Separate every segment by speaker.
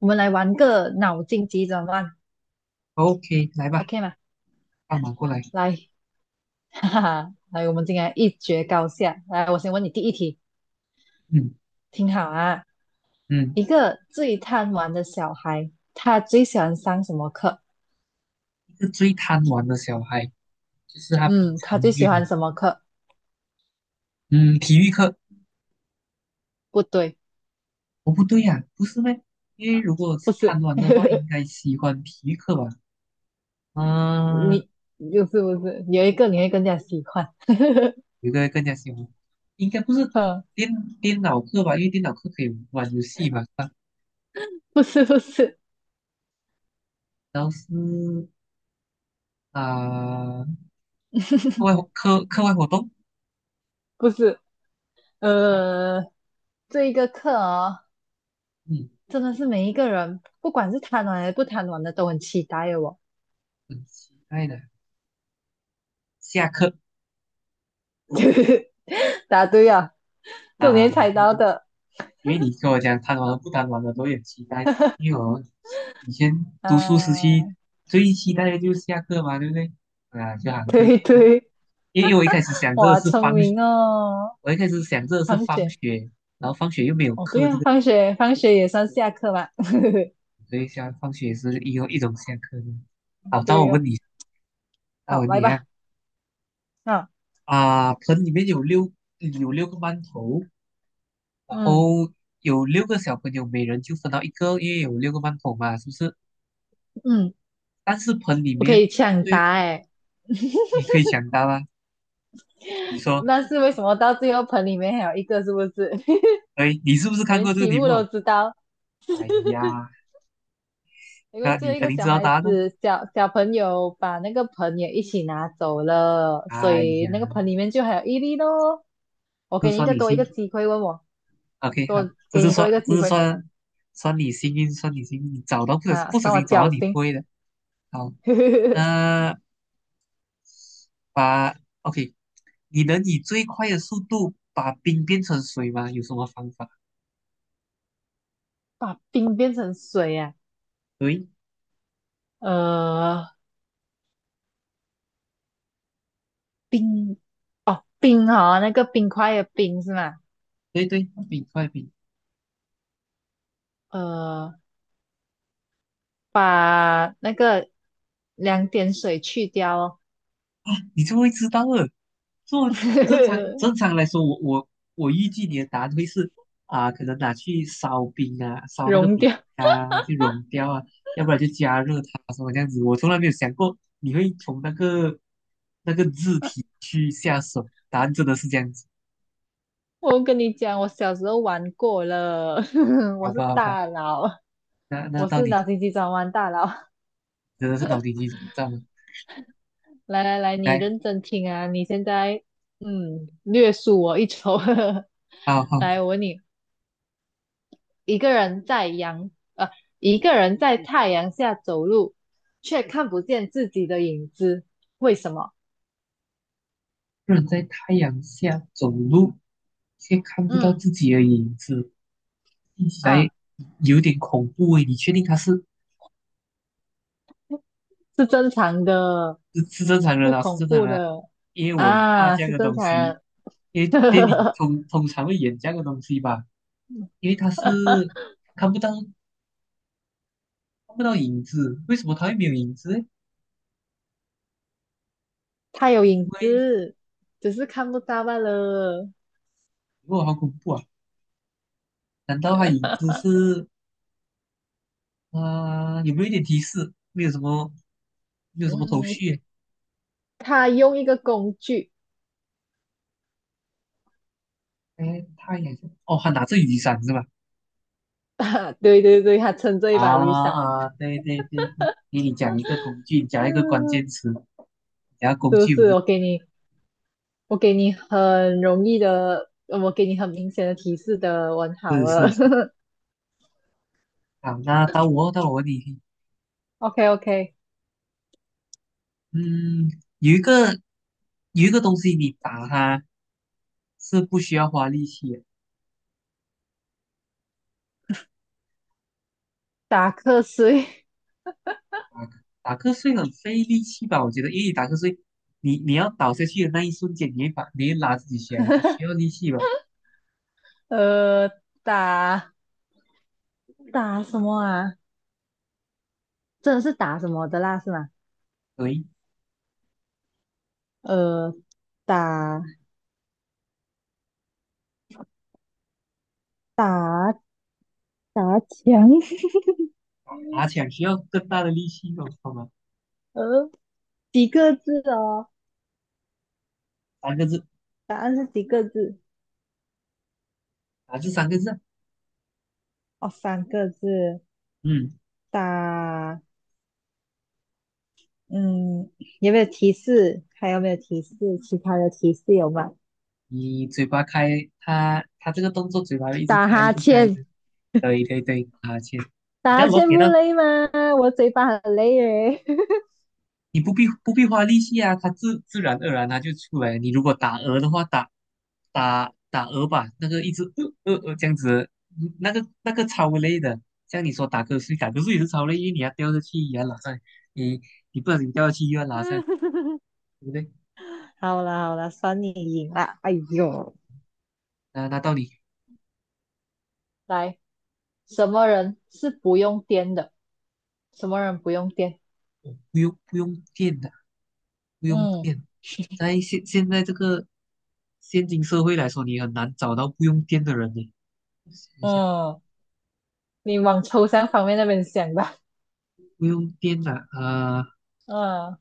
Speaker 1: 我们来玩个脑筋急转弯
Speaker 2: OK，来吧，
Speaker 1: ，OK 吗？
Speaker 2: 放马过来。
Speaker 1: 来，哈哈，来，我们今天一决高下。来，我先问你第一题，
Speaker 2: 嗯
Speaker 1: 听好啊。
Speaker 2: 嗯，
Speaker 1: 一个最贪玩的小孩，他最喜欢上什么课？
Speaker 2: 一个最贪玩的小孩，就是他平
Speaker 1: 嗯，他
Speaker 2: 常
Speaker 1: 最
Speaker 2: 有
Speaker 1: 喜
Speaker 2: 点，
Speaker 1: 欢什么课？
Speaker 2: 嗯，体育课，
Speaker 1: 不对，
Speaker 2: 哦不对呀、不是咩？因为如果
Speaker 1: 不
Speaker 2: 是
Speaker 1: 是，
Speaker 2: 贪玩的话，应 该喜欢体育课吧？嗯、
Speaker 1: 你就是不是有一个你会更加喜欢？
Speaker 2: 有个更加喜欢，应该不是
Speaker 1: 嗯，
Speaker 2: 电电脑课吧？因为电脑课可以玩游戏嘛，是吧？
Speaker 1: 不是，不是，
Speaker 2: 然后是啊、课外活动，
Speaker 1: 不是，
Speaker 2: 是啊
Speaker 1: 呃，这一个课哦，
Speaker 2: 嗯，
Speaker 1: 真的是每一个人，不管是贪玩还是不贪玩的，都很期待哦。
Speaker 2: 很期待的。下课
Speaker 1: 答对啊，昨
Speaker 2: 啊，
Speaker 1: 天猜
Speaker 2: 对
Speaker 1: 到
Speaker 2: 对
Speaker 1: 的
Speaker 2: 因为你跟我讲贪玩和不贪玩的都有期待，因为我以前读书时期
Speaker 1: 啊，
Speaker 2: 最期待的就是下课嘛，对不对？啊，就好像对，
Speaker 1: 对对，
Speaker 2: 因为我一开始想这个
Speaker 1: 哇，
Speaker 2: 是
Speaker 1: 聪
Speaker 2: 放，
Speaker 1: 明哦。
Speaker 2: 我一开始想这个是
Speaker 1: 放
Speaker 2: 放
Speaker 1: 学，
Speaker 2: 学，然后放学又没有
Speaker 1: 哦，对
Speaker 2: 课这
Speaker 1: 啊，
Speaker 2: 个，
Speaker 1: 放学，放学也算下课吧。
Speaker 2: 所以下放学也是一种下课的。好，到我
Speaker 1: 对哦，
Speaker 2: 问你，到我
Speaker 1: 好，
Speaker 2: 问
Speaker 1: 来
Speaker 2: 你啊，
Speaker 1: 吧。啊，
Speaker 2: 啊，盆里面有六个馒头，然
Speaker 1: 嗯
Speaker 2: 后有六个小朋友，每人就分到一个，因为有六个馒头嘛，是不是？
Speaker 1: 嗯，
Speaker 2: 但是盆里
Speaker 1: 不可
Speaker 2: 面。
Speaker 1: 以抢
Speaker 2: 最
Speaker 1: 答哎。
Speaker 2: 你可以抢答啊！你说，
Speaker 1: 那是为什么到最后盆里面还有一个，是不是？
Speaker 2: 哎，你是不是
Speaker 1: 我
Speaker 2: 看
Speaker 1: 连
Speaker 2: 过这个
Speaker 1: 题
Speaker 2: 题
Speaker 1: 目都
Speaker 2: 目？
Speaker 1: 知道，
Speaker 2: 哎呀，
Speaker 1: 因为
Speaker 2: 那
Speaker 1: 最
Speaker 2: 你
Speaker 1: 后一
Speaker 2: 肯
Speaker 1: 个
Speaker 2: 定知
Speaker 1: 小
Speaker 2: 道
Speaker 1: 孩
Speaker 2: 答案哦。
Speaker 1: 子小小朋友把那个盆也一起拿走了，所
Speaker 2: 哎
Speaker 1: 以那个
Speaker 2: 呀，
Speaker 1: 盆里面就还有一粒咯。我
Speaker 2: 这
Speaker 1: 给
Speaker 2: 是
Speaker 1: 你一
Speaker 2: 算
Speaker 1: 个
Speaker 2: 你
Speaker 1: 多一
Speaker 2: 幸
Speaker 1: 个机会，问我
Speaker 2: ，OK 好，
Speaker 1: 多
Speaker 2: 这
Speaker 1: 给
Speaker 2: 是
Speaker 1: 你
Speaker 2: 算，
Speaker 1: 多一个
Speaker 2: 这
Speaker 1: 机
Speaker 2: 是
Speaker 1: 会
Speaker 2: 算，算你幸运，算你幸运，你找到不小
Speaker 1: 啊，
Speaker 2: 不小
Speaker 1: 算我
Speaker 2: 心找到
Speaker 1: 侥
Speaker 2: 你
Speaker 1: 幸，
Speaker 2: 会的。好，那把 OK，你能以最快的速度把冰变成水吗？有什么方法？
Speaker 1: 把冰变成水啊，
Speaker 2: 对，
Speaker 1: 呃，冰哦冰哦，那个冰块的冰是吗？
Speaker 2: 对对，冰快冰，
Speaker 1: 呃，把那个两点水去掉哦，
Speaker 2: 你就会知道了。做 正常来说，我预计你的答案会是啊、可能拿去烧冰啊，烧那个
Speaker 1: 融
Speaker 2: 冰
Speaker 1: 掉。
Speaker 2: 啊，去融掉啊，要不然就加热它什么这样子。我从来没有想过你会从那个那个字体去下手，答案真的是这样子，
Speaker 1: 我跟你讲，我小时候玩过了，
Speaker 2: 好
Speaker 1: 我是
Speaker 2: 吧好吧，
Speaker 1: 大佬，
Speaker 2: 那那
Speaker 1: 我
Speaker 2: 到
Speaker 1: 是脑
Speaker 2: 底
Speaker 1: 筋急转弯大佬。
Speaker 2: 真的是脑筋急转弯了。
Speaker 1: 来来来，你
Speaker 2: 来，
Speaker 1: 认真听啊！你现在嗯，略输我一筹。
Speaker 2: 好好，
Speaker 1: 来，我问你，一个人在阳呃，一个人在太阳下走路，却看不见自己的影子，为什么？
Speaker 2: 不能在太阳下走路，却看不到
Speaker 1: 嗯
Speaker 2: 自己的影子，听起来
Speaker 1: 啊，
Speaker 2: 有点恐怖诶，你确定它是？
Speaker 1: 是正常的，
Speaker 2: 是是正常人
Speaker 1: 不
Speaker 2: 啊，是
Speaker 1: 恐
Speaker 2: 正常
Speaker 1: 怖
Speaker 2: 人啊，
Speaker 1: 的
Speaker 2: 因为我怕
Speaker 1: 啊，
Speaker 2: 这样
Speaker 1: 是
Speaker 2: 的
Speaker 1: 正
Speaker 2: 东
Speaker 1: 常
Speaker 2: 西，因为电影
Speaker 1: 呵，
Speaker 2: 通常会演这样的东西吧，因为他是看不到看不到影子，为什么他会没有影子呢？
Speaker 1: 他有
Speaker 2: 因
Speaker 1: 影
Speaker 2: 为
Speaker 1: 子，只是看不到罢了。
Speaker 2: 哇，好恐怖啊！难道他影子是啊、有没有一点提示？没有什么，没有什么头
Speaker 1: 嗯，
Speaker 2: 绪耶。
Speaker 1: 他用一个工具，
Speaker 2: 他太阳哦，他拿着雨伞是吧？
Speaker 1: 对对对，他撑着一
Speaker 2: 啊
Speaker 1: 把雨伞。
Speaker 2: 啊，对对对，给你你讲一个工具，你讲一个关
Speaker 1: 嗯，
Speaker 2: 键词，讲个工
Speaker 1: 是不
Speaker 2: 具我
Speaker 1: 是？
Speaker 2: 就。
Speaker 1: 我给你，我给你很容易的，呃我给你很明显的提示的，完好
Speaker 2: 是
Speaker 1: 了。
Speaker 2: 是 好，那到我问你一题，
Speaker 1: OK OK，
Speaker 2: 嗯，有一个有一个东西你打它是不需要花力气的，
Speaker 1: 打瞌睡，
Speaker 2: 打打瞌睡很费力气吧？我觉得，因为你打瞌睡，你要倒下去的那一瞬间，你会把你会拉自己起来，还需要力 气吧？
Speaker 1: 呃，打打什么啊？真的是打什么的啦，是吗？
Speaker 2: 对，以
Speaker 1: 呃，打打打墙，
Speaker 2: 爬起 来需要更大的力气哦，好吗？
Speaker 1: 呃，几个字哦？
Speaker 2: 三个字，
Speaker 1: 答案是几个字？
Speaker 2: 打字三个字啊
Speaker 1: 哦，三个字，
Speaker 2: 嗯，
Speaker 1: 打。嗯，有没有提示？还有没有提示？其他的提示有吗？
Speaker 2: 你嘴巴开，它它这个动作嘴巴会一直
Speaker 1: 打
Speaker 2: 开，一
Speaker 1: 哈
Speaker 2: 直开，一
Speaker 1: 欠，
Speaker 2: 直，对对对，爬起来你
Speaker 1: 打
Speaker 2: 看
Speaker 1: 哈
Speaker 2: 我
Speaker 1: 欠
Speaker 2: 给
Speaker 1: 不
Speaker 2: 到
Speaker 1: 累吗？我嘴巴很累耶。
Speaker 2: 你不必花力气啊，它自自然而然它就出来。你如果打鹅的话，打鹅吧，那个一直这样子，嗯那个那个超累的。像你说打瞌睡，打瞌睡也是超累，因为你要掉下去也要拉上来，你你不然你掉下去又要拉上来，对不对？
Speaker 1: 好啦好啦，算你赢啦。哎呦，
Speaker 2: 那那到底
Speaker 1: 来，什么人是不用颠的？什么人不用颠？
Speaker 2: 不用电的，不用
Speaker 1: 嗯
Speaker 2: 电。在现在这个现今社会来说，你很难找到不用电的人呢。想一下，
Speaker 1: 嗯，你往抽象方面那边想吧。
Speaker 2: 不用电的，
Speaker 1: 嗯，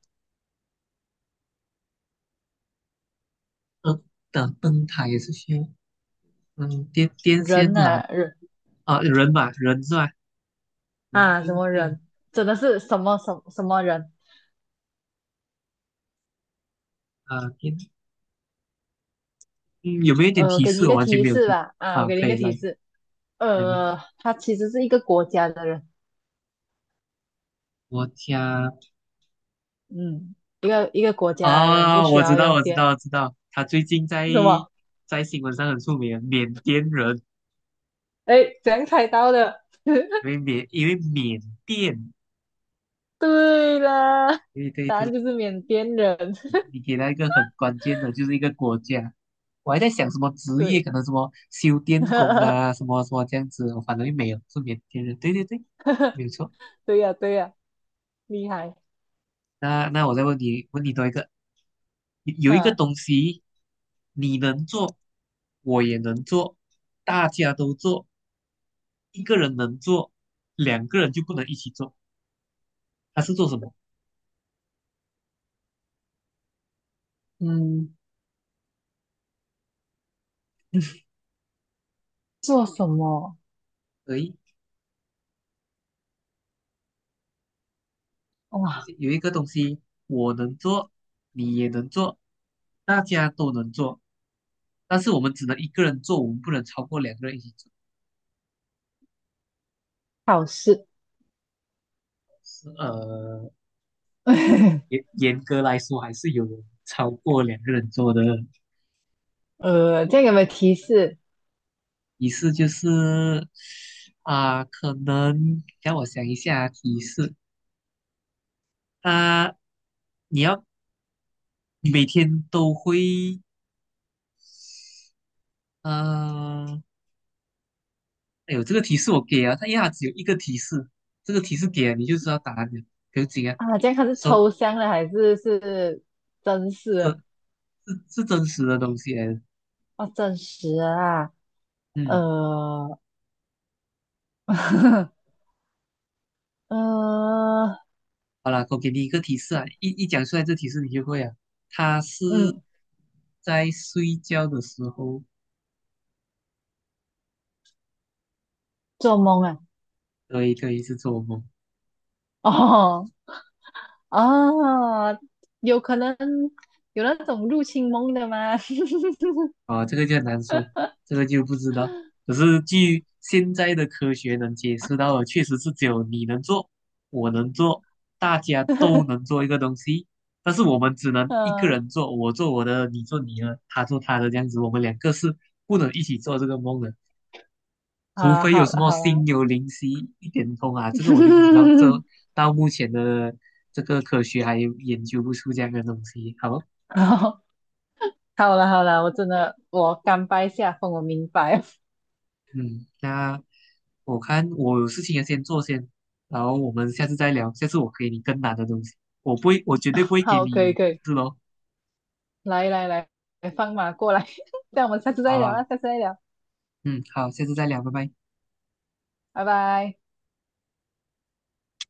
Speaker 2: 灯的灯塔也是需要。嗯，电电痫
Speaker 1: 人
Speaker 2: 懒
Speaker 1: 啊，人
Speaker 2: 啊，人嘛，人是吧？人
Speaker 1: 啊，什
Speaker 2: 跟
Speaker 1: 么
Speaker 2: 电
Speaker 1: 人？真的是什么什么什么人？
Speaker 2: 啊电嗯，有没有一点提
Speaker 1: 给你
Speaker 2: 示？
Speaker 1: 一
Speaker 2: 我
Speaker 1: 个
Speaker 2: 完全
Speaker 1: 提
Speaker 2: 没有
Speaker 1: 示
Speaker 2: 做
Speaker 1: 吧，啊，我
Speaker 2: 啊，
Speaker 1: 给你一
Speaker 2: 可
Speaker 1: 个
Speaker 2: 以来
Speaker 1: 提示，
Speaker 2: 来吧。
Speaker 1: 他其实是一个国家的人，
Speaker 2: 我家
Speaker 1: 嗯，一个一个国家的人不
Speaker 2: 啊，
Speaker 1: 需要用电，
Speaker 2: 我知道，他最近在
Speaker 1: 什么？
Speaker 2: 在新闻上很出名，缅甸人，
Speaker 1: 哎，怎样猜到的？
Speaker 2: 因为缅甸，
Speaker 1: 对啦，
Speaker 2: 对对
Speaker 1: 答
Speaker 2: 对，
Speaker 1: 案就是缅甸人，
Speaker 2: 你 你给他一个很关键的，就是一个国家。我还在想什么职业，
Speaker 1: 对，
Speaker 2: 可能什么修电工啊，什么什么这样子，我反正没有，是缅甸人，对对对，没有错。
Speaker 1: 对呀，对呀，厉害，
Speaker 2: 那那我再问你，问你多一个，有一个
Speaker 1: 嗯
Speaker 2: 东西你能做，我也能做，大家都做，一个人能做，两个人就不能一起做，他是做什么？
Speaker 1: 嗯，做什么？
Speaker 2: 可以有
Speaker 1: 哇，
Speaker 2: 些有一个东西我能做，你也能做，大家都能做，但是我们只能一个人做，我们不能超过两个人一起做。
Speaker 1: 好事，
Speaker 2: 是严 严格来说还是有超过两个人做的。
Speaker 1: 这样有没有提示
Speaker 2: 提示就是啊、可能让我想一下提示。啊，你要你每天都会呃，哎呦，这个提示我给啊，它一下它只有一个提示，这个提示给了你就知道答案了，不用紧啊。
Speaker 1: 啊？这样它是
Speaker 2: 说
Speaker 1: 抽象的还是是真实
Speaker 2: 这
Speaker 1: 的？
Speaker 2: 是真实的东西来的
Speaker 1: 哦，真实的啊。
Speaker 2: 嗯，
Speaker 1: 呃，呃，
Speaker 2: 好了，我给你一个提示啊，一讲出来这提示你就会啊。它是
Speaker 1: 嗯，
Speaker 2: 在睡觉的时候，
Speaker 1: 做梦啊，
Speaker 2: 对对，是做梦。
Speaker 1: 哦，啊，有可能有那种入侵梦的吗？
Speaker 2: 啊，这个就很难说，这个就不知道。可是据现在的科学能解释到的，确实是只有你能做，我能做，大家都能做一个东西，但是我们只能一个
Speaker 1: 嗯，
Speaker 2: 人做，我做我的，你做你的，他做他的，这样子，我们两个是不能一起做这个梦的，除
Speaker 1: 啊，
Speaker 2: 非有
Speaker 1: 好
Speaker 2: 什
Speaker 1: 了
Speaker 2: 么
Speaker 1: 好
Speaker 2: 心
Speaker 1: 了，
Speaker 2: 有灵犀一点通啊，这个我就不知道，这到目前的这个科学还研究不出这样的东西，好。
Speaker 1: 好，好了好了，我真的我甘拜下风，我明白。
Speaker 2: 嗯，那我看我有事情要先做先，然后我们下次再聊。下次我给你更难的东西，我不会，我绝对不 会给
Speaker 1: 好，可以
Speaker 2: 你
Speaker 1: 可以，
Speaker 2: 是咯。
Speaker 1: 来来来，放马过来，这样我们下次
Speaker 2: 好
Speaker 1: 再聊
Speaker 2: 啊，
Speaker 1: 啊，下次再聊，
Speaker 2: 嗯，好，下次再聊，拜拜。
Speaker 1: 拜拜。